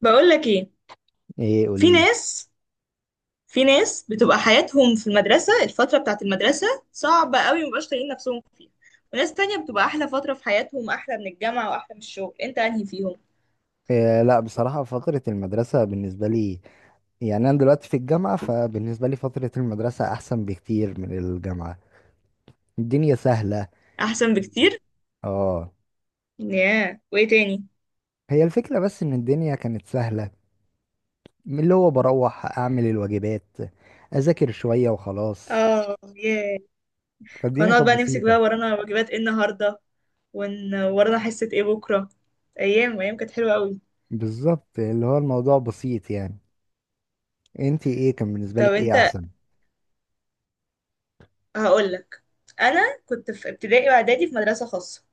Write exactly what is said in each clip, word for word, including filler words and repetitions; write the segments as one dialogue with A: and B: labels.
A: بقول لك ايه.
B: ايه
A: في
B: قوليلي.
A: ناس في ناس بتبقى حياتهم في المدرسة، الفترة بتاعت المدرسة صعبة قوي ومبقاش طايقين نفسهم فيها، وناس تانية بتبقى أحلى فترة في حياتهم، أحلى من الجامعة وأحلى من الشغل. أنت أنهي فيهم؟
B: إيه، لا بصراحة فترة المدرسة بالنسبة لي، يعني أنا دلوقتي في الجامعة، فبالنسبة لي فترة المدرسة أحسن بكتير من الجامعة. الدنيا سهلة.
A: أحسن بكتير.
B: اه.
A: ياه، وإيه تاني؟
B: هي الفكرة بس إن الدنيا كانت سهلة، من اللي هو بروح أعمل الواجبات، أذاكر شوية وخلاص.
A: آه ياه. كنا
B: فالدنيا
A: نقعد
B: كانت
A: بقى نمسك
B: بسيطة.
A: بقى ورانا واجبات إيه النهاردة، ون... ورانا حصة إيه بكرة. أيام أيام كانت حلوة قوي.
B: بالظبط اللي هو الموضوع بسيط يعني. انتي ايه كان بالنسبة
A: طب
B: لك ايه
A: أنت،
B: أحسن؟
A: هقول لك. أنا كنت في ابتدائي وإعدادي في مدرسة خاصة،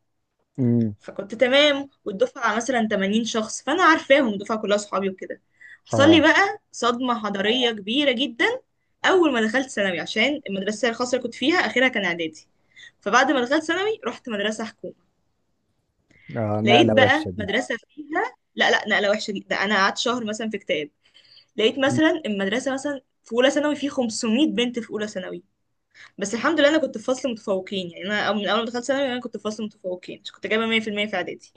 B: امم.
A: فكنت تمام، والدفعة مثلا ثمانين شخص، فأنا عارفاهم الدفعة كلها صحابي وكده. حصل
B: اه.
A: لي بقى صدمة حضارية كبيرة جدا أول ما دخلت ثانوي، عشان المدرسة الخاصة اللي كنت فيها آخرها كان إعدادي، فبعد ما دخلت ثانوي رحت مدرسة حكومة.
B: اه
A: لقيت
B: نقلة وحشة
A: بقى
B: دي.
A: مدرسة فيها، لا لا، نقلة وحشة جدا، ده أنا قعدت شهر مثلا في كتاب. لقيت
B: مم.
A: مثلا المدرسة مثلا في أولى ثانوي في خمسمائة بنت في أولى ثانوي. بس الحمد لله أنا كنت في فصل متفوقين. يعني أنا من أول ما دخلت ثانوي أنا كنت في فصل متفوقين، كنت جايبة مية في المية في المية في إعدادي.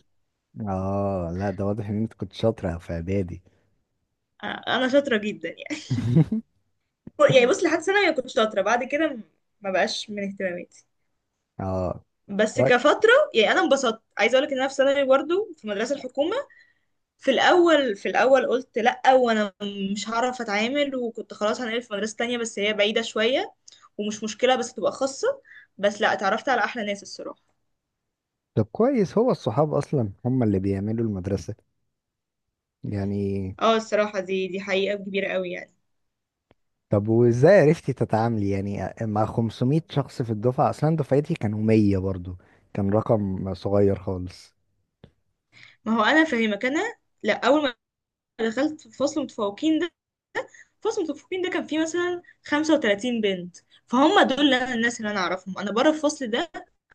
B: اه لا ده واضح إن انت كنت شاطرة في إعدادي.
A: آه، انا شاطره جدا يعني. يعني بص، لحد ثانوي أنا كنت شاطرة، بعد كده ما بقاش من اهتماماتي.
B: اه.
A: بس
B: طيب.
A: كفترة، يعني أنا انبسطت. عايزة أقولك إن أنا في ثانوي برضه في مدرسة الحكومة، في الأول في الأول قلت لأ، وأنا مش هعرف أتعامل، وكنت خلاص هنقل في مدرسة تانية، بس هي بعيدة شوية ومش مشكلة بس تبقى خاصة، بس لأ، اتعرفت على أحلى ناس الصراحة.
B: طب كويس، هو الصحاب اصلا هم اللي بيعملوا المدرسة يعني.
A: اه، الصراحة دي دي حقيقة كبيرة قوي يعني.
B: طب وازاي عرفتي تتعاملي يعني مع خمسمية شخص في الدفعة، اصلا دفعتي كانوا مية برضو، كان رقم صغير خالص.
A: ما هو أنا فاهمك. أنا لأ، أول ما دخلت في فصل متفوقين، فصل متفوقين ده كان فيه مثلا خمسة وتلاتين بنت، فهم دول اللي أنا- الناس اللي انا اعرفهم انا بره الفصل ده.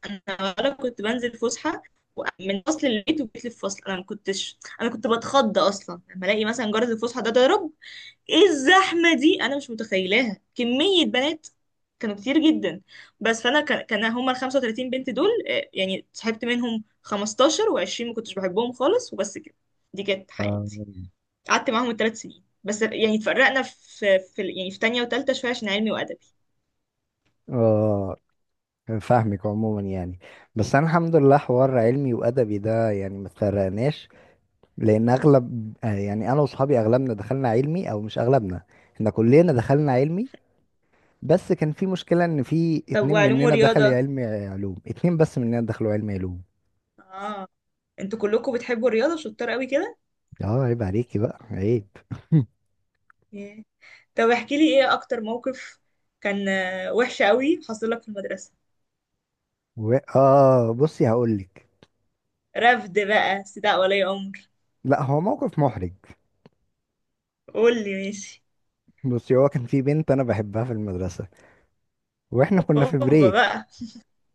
A: انا ولا كنت بنزل فسحه، و- من فصل البيت وجيت للفصل، انا ما كنتش انا كنت بتخض اصلا لما الاقي مثلا جرس الفسحه ده ضرب. ايه الزحمه دي؟ انا مش متخيلاها كميه بنات، كانوا كتير جدا. بس فانا كان كان هما ال خمسة وثلاثين بنت دول، آه، يعني صاحبت منهم خمستاشر و20، ما كنتش بحبهم خالص، وبس كده، دي كانت
B: آه.
A: حياتي. قعدت معاهم ثلاث سنين، بس يعني اتفرقنا في, في يعني في تانية وتالتة شوية عشان علمي وأدبي.
B: اه فاهمك عموما يعني. بس انا الحمد لله حوار علمي وادبي ده يعني ما تفرقناش، لان اغلب آه، يعني انا واصحابي اغلبنا دخلنا علمي، او مش اغلبنا، احنا كلنا دخلنا علمي. بس كان في مشكلة ان في
A: طب
B: اتنين
A: وعلوم
B: مننا دخل
A: ورياضة؟
B: علم، علوم اتنين بس مننا دخلوا علم علوم.
A: اه. انتوا كلكم بتحبوا الرياضة، شطار قوي كده.
B: اه عيب عليكي بقى، عيب.
A: yeah. طب احكي لي، ايه اكتر موقف كان آه، وحش قوي حصل لك في المدرسة؟
B: و... اه بصي هقولك.
A: رفد بقى، استدعاء ولي امر؟
B: لا هو موقف محرج.
A: قول لي، ماشي.
B: بصي هو كان في بنت انا بحبها في المدرسة، واحنا كنا في
A: اوبا
B: بريك،
A: بقى.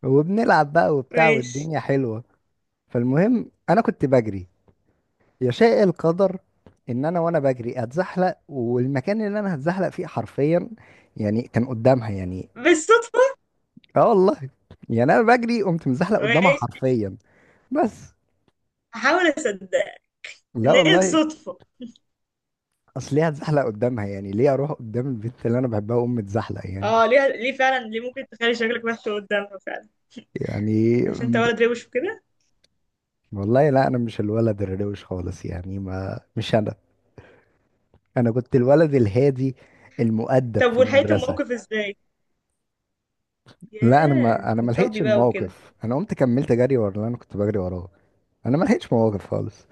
B: وبنلعب بقى وبتاع
A: ماشي.
B: والدنيا حلوة. فالمهم انا كنت بجري، يشاء القدر ان انا وانا بجري اتزحلق، والمكان اللي انا هتزحلق فيه حرفيا يعني كان قدامها يعني.
A: بالصدفة.
B: اه والله، يعني انا بجري قمت مزحلق قدامها
A: ماشي،
B: حرفيا. بس.
A: هحاول اصدق
B: لا
A: ان هي
B: والله،
A: الصدفة.
B: اصل ليه هتزحلق قدامها يعني، ليه اروح قدام البنت اللي انا بحبها واقوم متزحلق يعني.
A: اه ليه، ليه فعلا، ليه ممكن تخلي شكلك وحش قدامها فعلا؟
B: يعني
A: عشان انت
B: م-
A: ولد روش وكده.
B: والله لا انا مش الولد الروش خالص يعني، ما مش انا، انا كنت الولد الهادي المؤدب
A: طب
B: في
A: ولحقت
B: المدرسة.
A: الموقف ازاي؟
B: لا انا
A: ياه،
B: ما انا ما لحقتش
A: متربي بقى وكده.
B: الموقف، انا قمت كملت جري ورا اللي انا كنت بجري وراه، انا ما لحقتش مواقف خالص.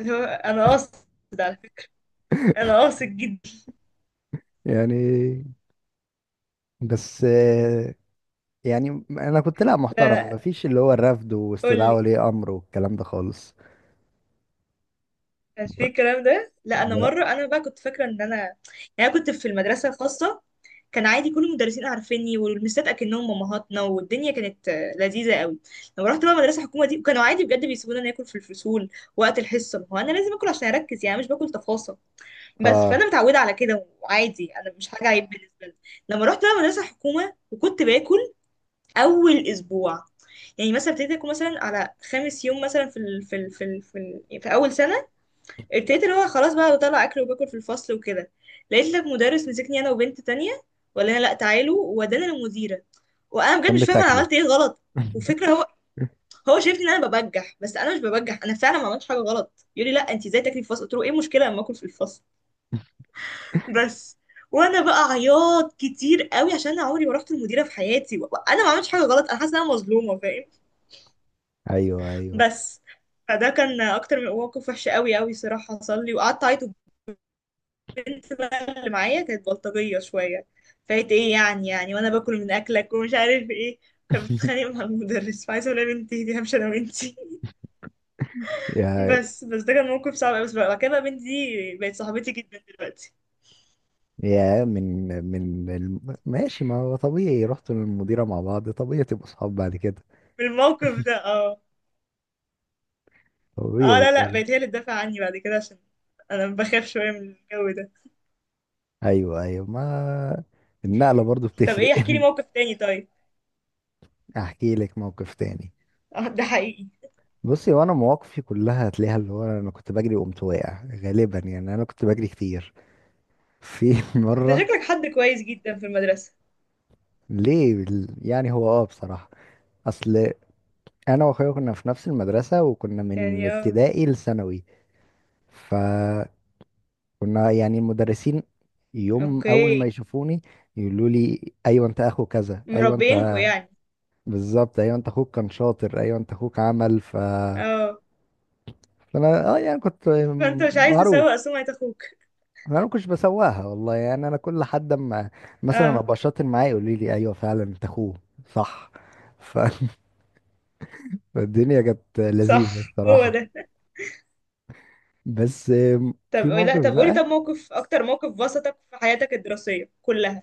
A: اللي هو انا قاصد، على فكره، انا قاصد جدا.
B: يعني بس، آه، يعني انا كنت لا
A: لا
B: محترم، ما
A: لا،
B: فيش اللي هو الرفض
A: قول
B: واستدعاء
A: لي،
B: ولي امر والكلام ده خالص.
A: مش
B: ب-
A: في الكلام ده. لا
B: ب...
A: انا مره انا بقى كنت فاكره ان انا يعني، انا كنت في المدرسه الخاصه كان عادي، كل المدرسين عارفيني والمستات اكنهم امهاتنا، والدنيا كانت آه، لذيذه قوي. لما رحت بقى مدرسه حكومه دي، وكانوا عادي بجد بيسيبونا ناكل في الفصول وقت الحصه. ما هو انا لازم اكل عشان اركز، يعني أنا مش باكل تفاصيل، بس
B: اه
A: فانا متعوده على كده وعادي، انا مش حاجه عيب بالنسبه لي. لما رحت بقى مدرسه حكومه وكنت باكل اول اسبوع، يعني مثلا ابتديت اكون مثلا على خامس يوم مثلا في ال في ال في ال في, ال يعني في اول سنه، ابتديت اللي هو خلاص بقى بطلع اكل وباكل في الفصل وكده. لقيت لك مدرس مسكني انا وبنت تانية، ولا انا، لا تعالوا، وودانا للمديره. وانا بجد
B: كان
A: مش فاهمه انا
B: بتاكله.
A: عملت ايه غلط. وفكره هو، هو شايفني ان انا ببجح، بس انا مش ببجح، انا فعلا ما عملتش حاجه غلط. يقول لي، لا انت ازاي تاكلي في الفصل؟ قلت له، ايه المشكله لما اكل في الفصل؟ بس. وانا بقى عياط كتير قوي، عشان انا عمري ما رحت المديره في حياتي، وانا ما عملتش حاجه غلط، انا حاسه ان انا مظلومه، فاهم؟
B: ايوه ايوه.
A: بس. فده كان اكتر من موقف وحش قوي قوي صراحه حصل لي، وقعدت اعيط. والبنت اللي معايا كانت بلطجيه شويه، فايت ايه يعني، يعني وانا باكل من اكلك ومش عارف ايه، كانت بتتخانق مع المدرس، فعايزه اقول لها يا بنتي دي همشي انا وانتي.
B: يا
A: بس بس ده كان موقف صعب قوي، بس بقى بعد كده بقى بنتي دي بقت صاحبتي جدا دلوقتي.
B: يا من من الم... ماشي، ما هو طبيعي رحتوا للمديرة مع بعض، طبيعي تبقوا صحاب بعد كده.
A: بالموقف ده، اه. اه
B: طبيعي
A: لا لا،
B: طبيعي.
A: بقت هي اللي تدافع عني بعد كده، عشان انا بخاف شويه من الجو ده.
B: ايوه ايوه، ما النقلة برضو
A: طب،
B: بتفرق.
A: ايه، احكي لي موقف تاني طيب.
B: احكي لك موقف تاني.
A: اه ده حقيقي.
B: بصي وانا مواقفي كلها هتلاقيها اللي هو انا كنت بجري وقمت واقع غالبا، يعني انا كنت بجري كتير. في
A: انت
B: مرة.
A: شكلك حد كويس جدا في المدرسه.
B: ليه بال- يعني هو اه بصراحة، اصل انا واخويا كنا في نفس المدرسة وكنا من
A: يعني اه.
B: ابتدائي لثانوي، فكنا يعني المدرسين يوم اول
A: اوكي.
B: ما يشوفوني يقولوا لي ايوه انت اخو كذا، ايوه انت،
A: مربينكو يعني.
B: بالظبط، ايوه انت اخوك كان شاطر، ايوه انت اخوك عمل ف
A: اه.
B: فانا اه يعني كنت
A: فانت مش عايز
B: معروف.
A: تسوق سمعة اخوك.
B: انا ما كنتش بسواها والله يعني، انا كل حد اما مثلا
A: اه
B: ابقى شاطر معاه يقول لي ايوه فعلا انت اخوه. صح. ف- فالدنيا كانت لذيذه
A: صح، هو
B: الصراحه.
A: ده.
B: بس.
A: طب
B: في
A: لا،
B: موقف
A: طب قولي، طب
B: بقى،
A: موقف، اكتر موقف بسطك في حياتك الدراسية كلها.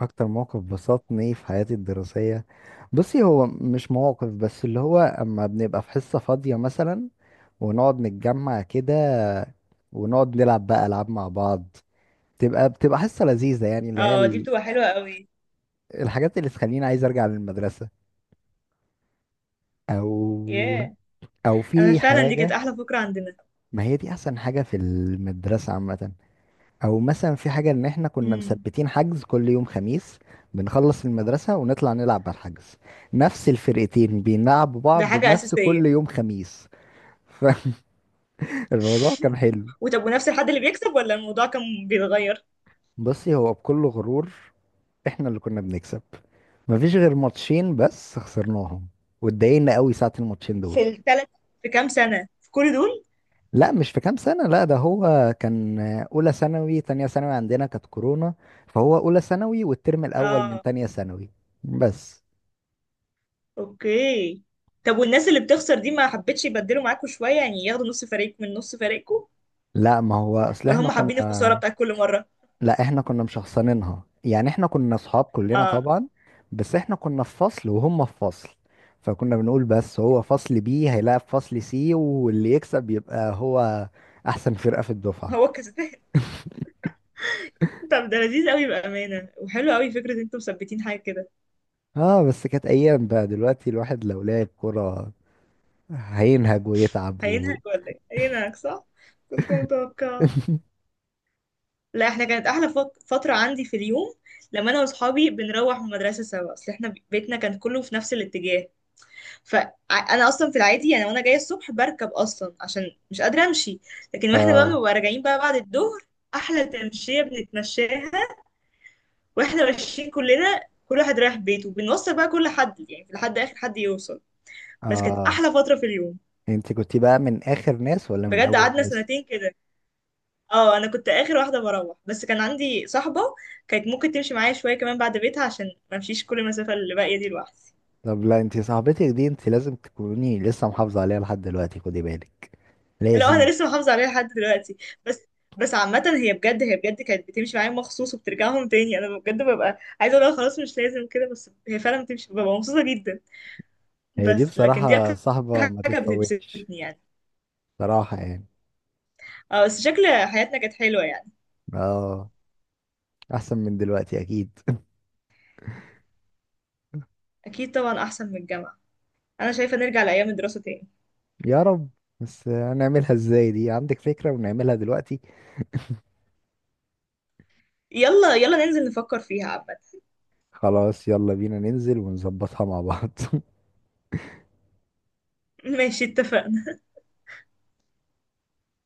B: اكتر موقف بسطني في حياتي الدراسية، بصي هو مش مواقف بس، اللي هو اما بنبقى في حصة فاضية مثلا، ونقعد نتجمع كده ونقعد نلعب بقى العاب مع بعض، بتبقى بتبقى حصة لذيذة، يعني اللي هي
A: اه، دي
B: ال-
A: بتبقى حلوة قوي.
B: الحاجات اللي تخليني عايز ارجع للمدرسة. او.
A: ياه.
B: او
A: انا
B: في
A: فعلا دي كانت
B: حاجة،
A: احلى فكرة عندنا.
B: ما هي دي احسن حاجة في المدرسة عامة. او مثلا في حاجة ان احنا كنا
A: امم.
B: مثبتين حجز كل يوم خميس، بنخلص المدرسة ونطلع نلعب على الحجز، نفس الفرقتين بيلعبوا
A: ده
B: بعض
A: حاجة
B: نفس
A: اساسية.
B: كل يوم خميس. فالموضوع كان حلو.
A: وطب، ونفس الحد اللي بيكسب، ولا الموضوع كان بيتغير؟
B: بصي هو بكل غرور احنا اللي كنا بنكسب، مفيش غير ماتشين بس خسرناهم واتضايقنا قوي ساعة الماتشين
A: في
B: دول.
A: الثلاث، في كام سنة، في كل دول؟
B: لا مش في كام سنة، لا ده هو كان أولى ثانوي، تانية ثانوي عندنا كانت كورونا، فهو أولى ثانوي والترم الأول من
A: اه.
B: تانية ثانوي. بس.
A: اوكي. طب والناس اللي بتخسر دي ما حبتش يبدلوا معاكوا شوية، يعني ياخدوا نص فريق من نص فريقكم،
B: لا ما هو اصل
A: ولا
B: احنا
A: هم حابين الخساره
B: كنا
A: بتاعت كل مره؟
B: لا احنا كنا مشخصنينها، يعني احنا كنا اصحاب كلنا
A: اه،
B: طبعا، بس احنا كنا في فصل وهم في فصل، فكنا بنقول بس هو فصل بي هيلاعب فصل سي واللي يكسب يبقى هو احسن فرقة في الدفعة.
A: هو الكسبان. طب ده لذيذ قوي بامانه، وحلو قوي فكره ان انتوا مثبتين حاجه كده.
B: اه بس كانت ايام، بقى دلوقتي الواحد لو لعب كرة هينهج ويتعب و...
A: هينهك ولا ايه؟ هينهك صح. كنت متوقع. لا، احنا كانت احلى فت- فتره عندي في اليوم لما انا واصحابي بنروح من المدرسه سوا، اصل احنا بيتنا كان كله في نفس الاتجاه. فانا اصلا في العادي، يعني وانا جايه الصبح بركب اصلا عشان مش قادره امشي، لكن واحنا بقى
B: اه.
A: بنبقى راجعين بقى بعد الظهر، احلى تمشيه بنتمشاها. واحنا ماشيين كلنا، كل واحد رايح بيته، وبنوصل بقى كل حد يعني لحد اخر حد يوصل. بس كانت
B: اه
A: احلى فتره في اليوم.
B: انت كنت بقى من اخر ناس ولا من
A: بجد
B: اول
A: قعدنا
B: ناس؟
A: سنتين كده. اه انا كنت اخر واحده بروح، بس كان عندي صاحبه كانت ممكن تمشي معايا شويه كمان بعد بيتها، عشان ما امشيش كل المسافه اللي باقيه دي لوحدي.
B: طب لا انت صاحبتك دي انت لازم تكوني لسه محافظة عليها لحد دلوقتي، خدي بالك،
A: لا
B: لازم.
A: انا لسه محافظه عليها لحد دلوقتي. بس بس عامة هي بجد، هي بجد كانت بتمشي معايا مخصوص وبترجعهم تاني، انا بجد ببقى عايزه اقول لها خلاص مش لازم كده، بس هي فعلا بتمشي ببقى مبسوطه جدا.
B: هي دي
A: بس لكن دي
B: بصراحة
A: اكتر
B: صاحبة ما
A: حاجه
B: تتفوتش،
A: بتبسطني يعني.
B: صراحة يعني.
A: اه. بس شكل حياتنا كانت حلوة يعني.
B: اه احسن من دلوقتي اكيد.
A: اكيد طبعا احسن من الجامعة. انا شايفة نرجع لايام الدراسة تاني.
B: يا رب، بس هنعملها ازاي دي، عندك فكرة ونعملها دلوقتي؟
A: يلا يلا ننزل نفكر فيها عامة.
B: خلاص يلا بينا ننزل ونظبطها مع بعض.
A: ماشي، اتفقنا.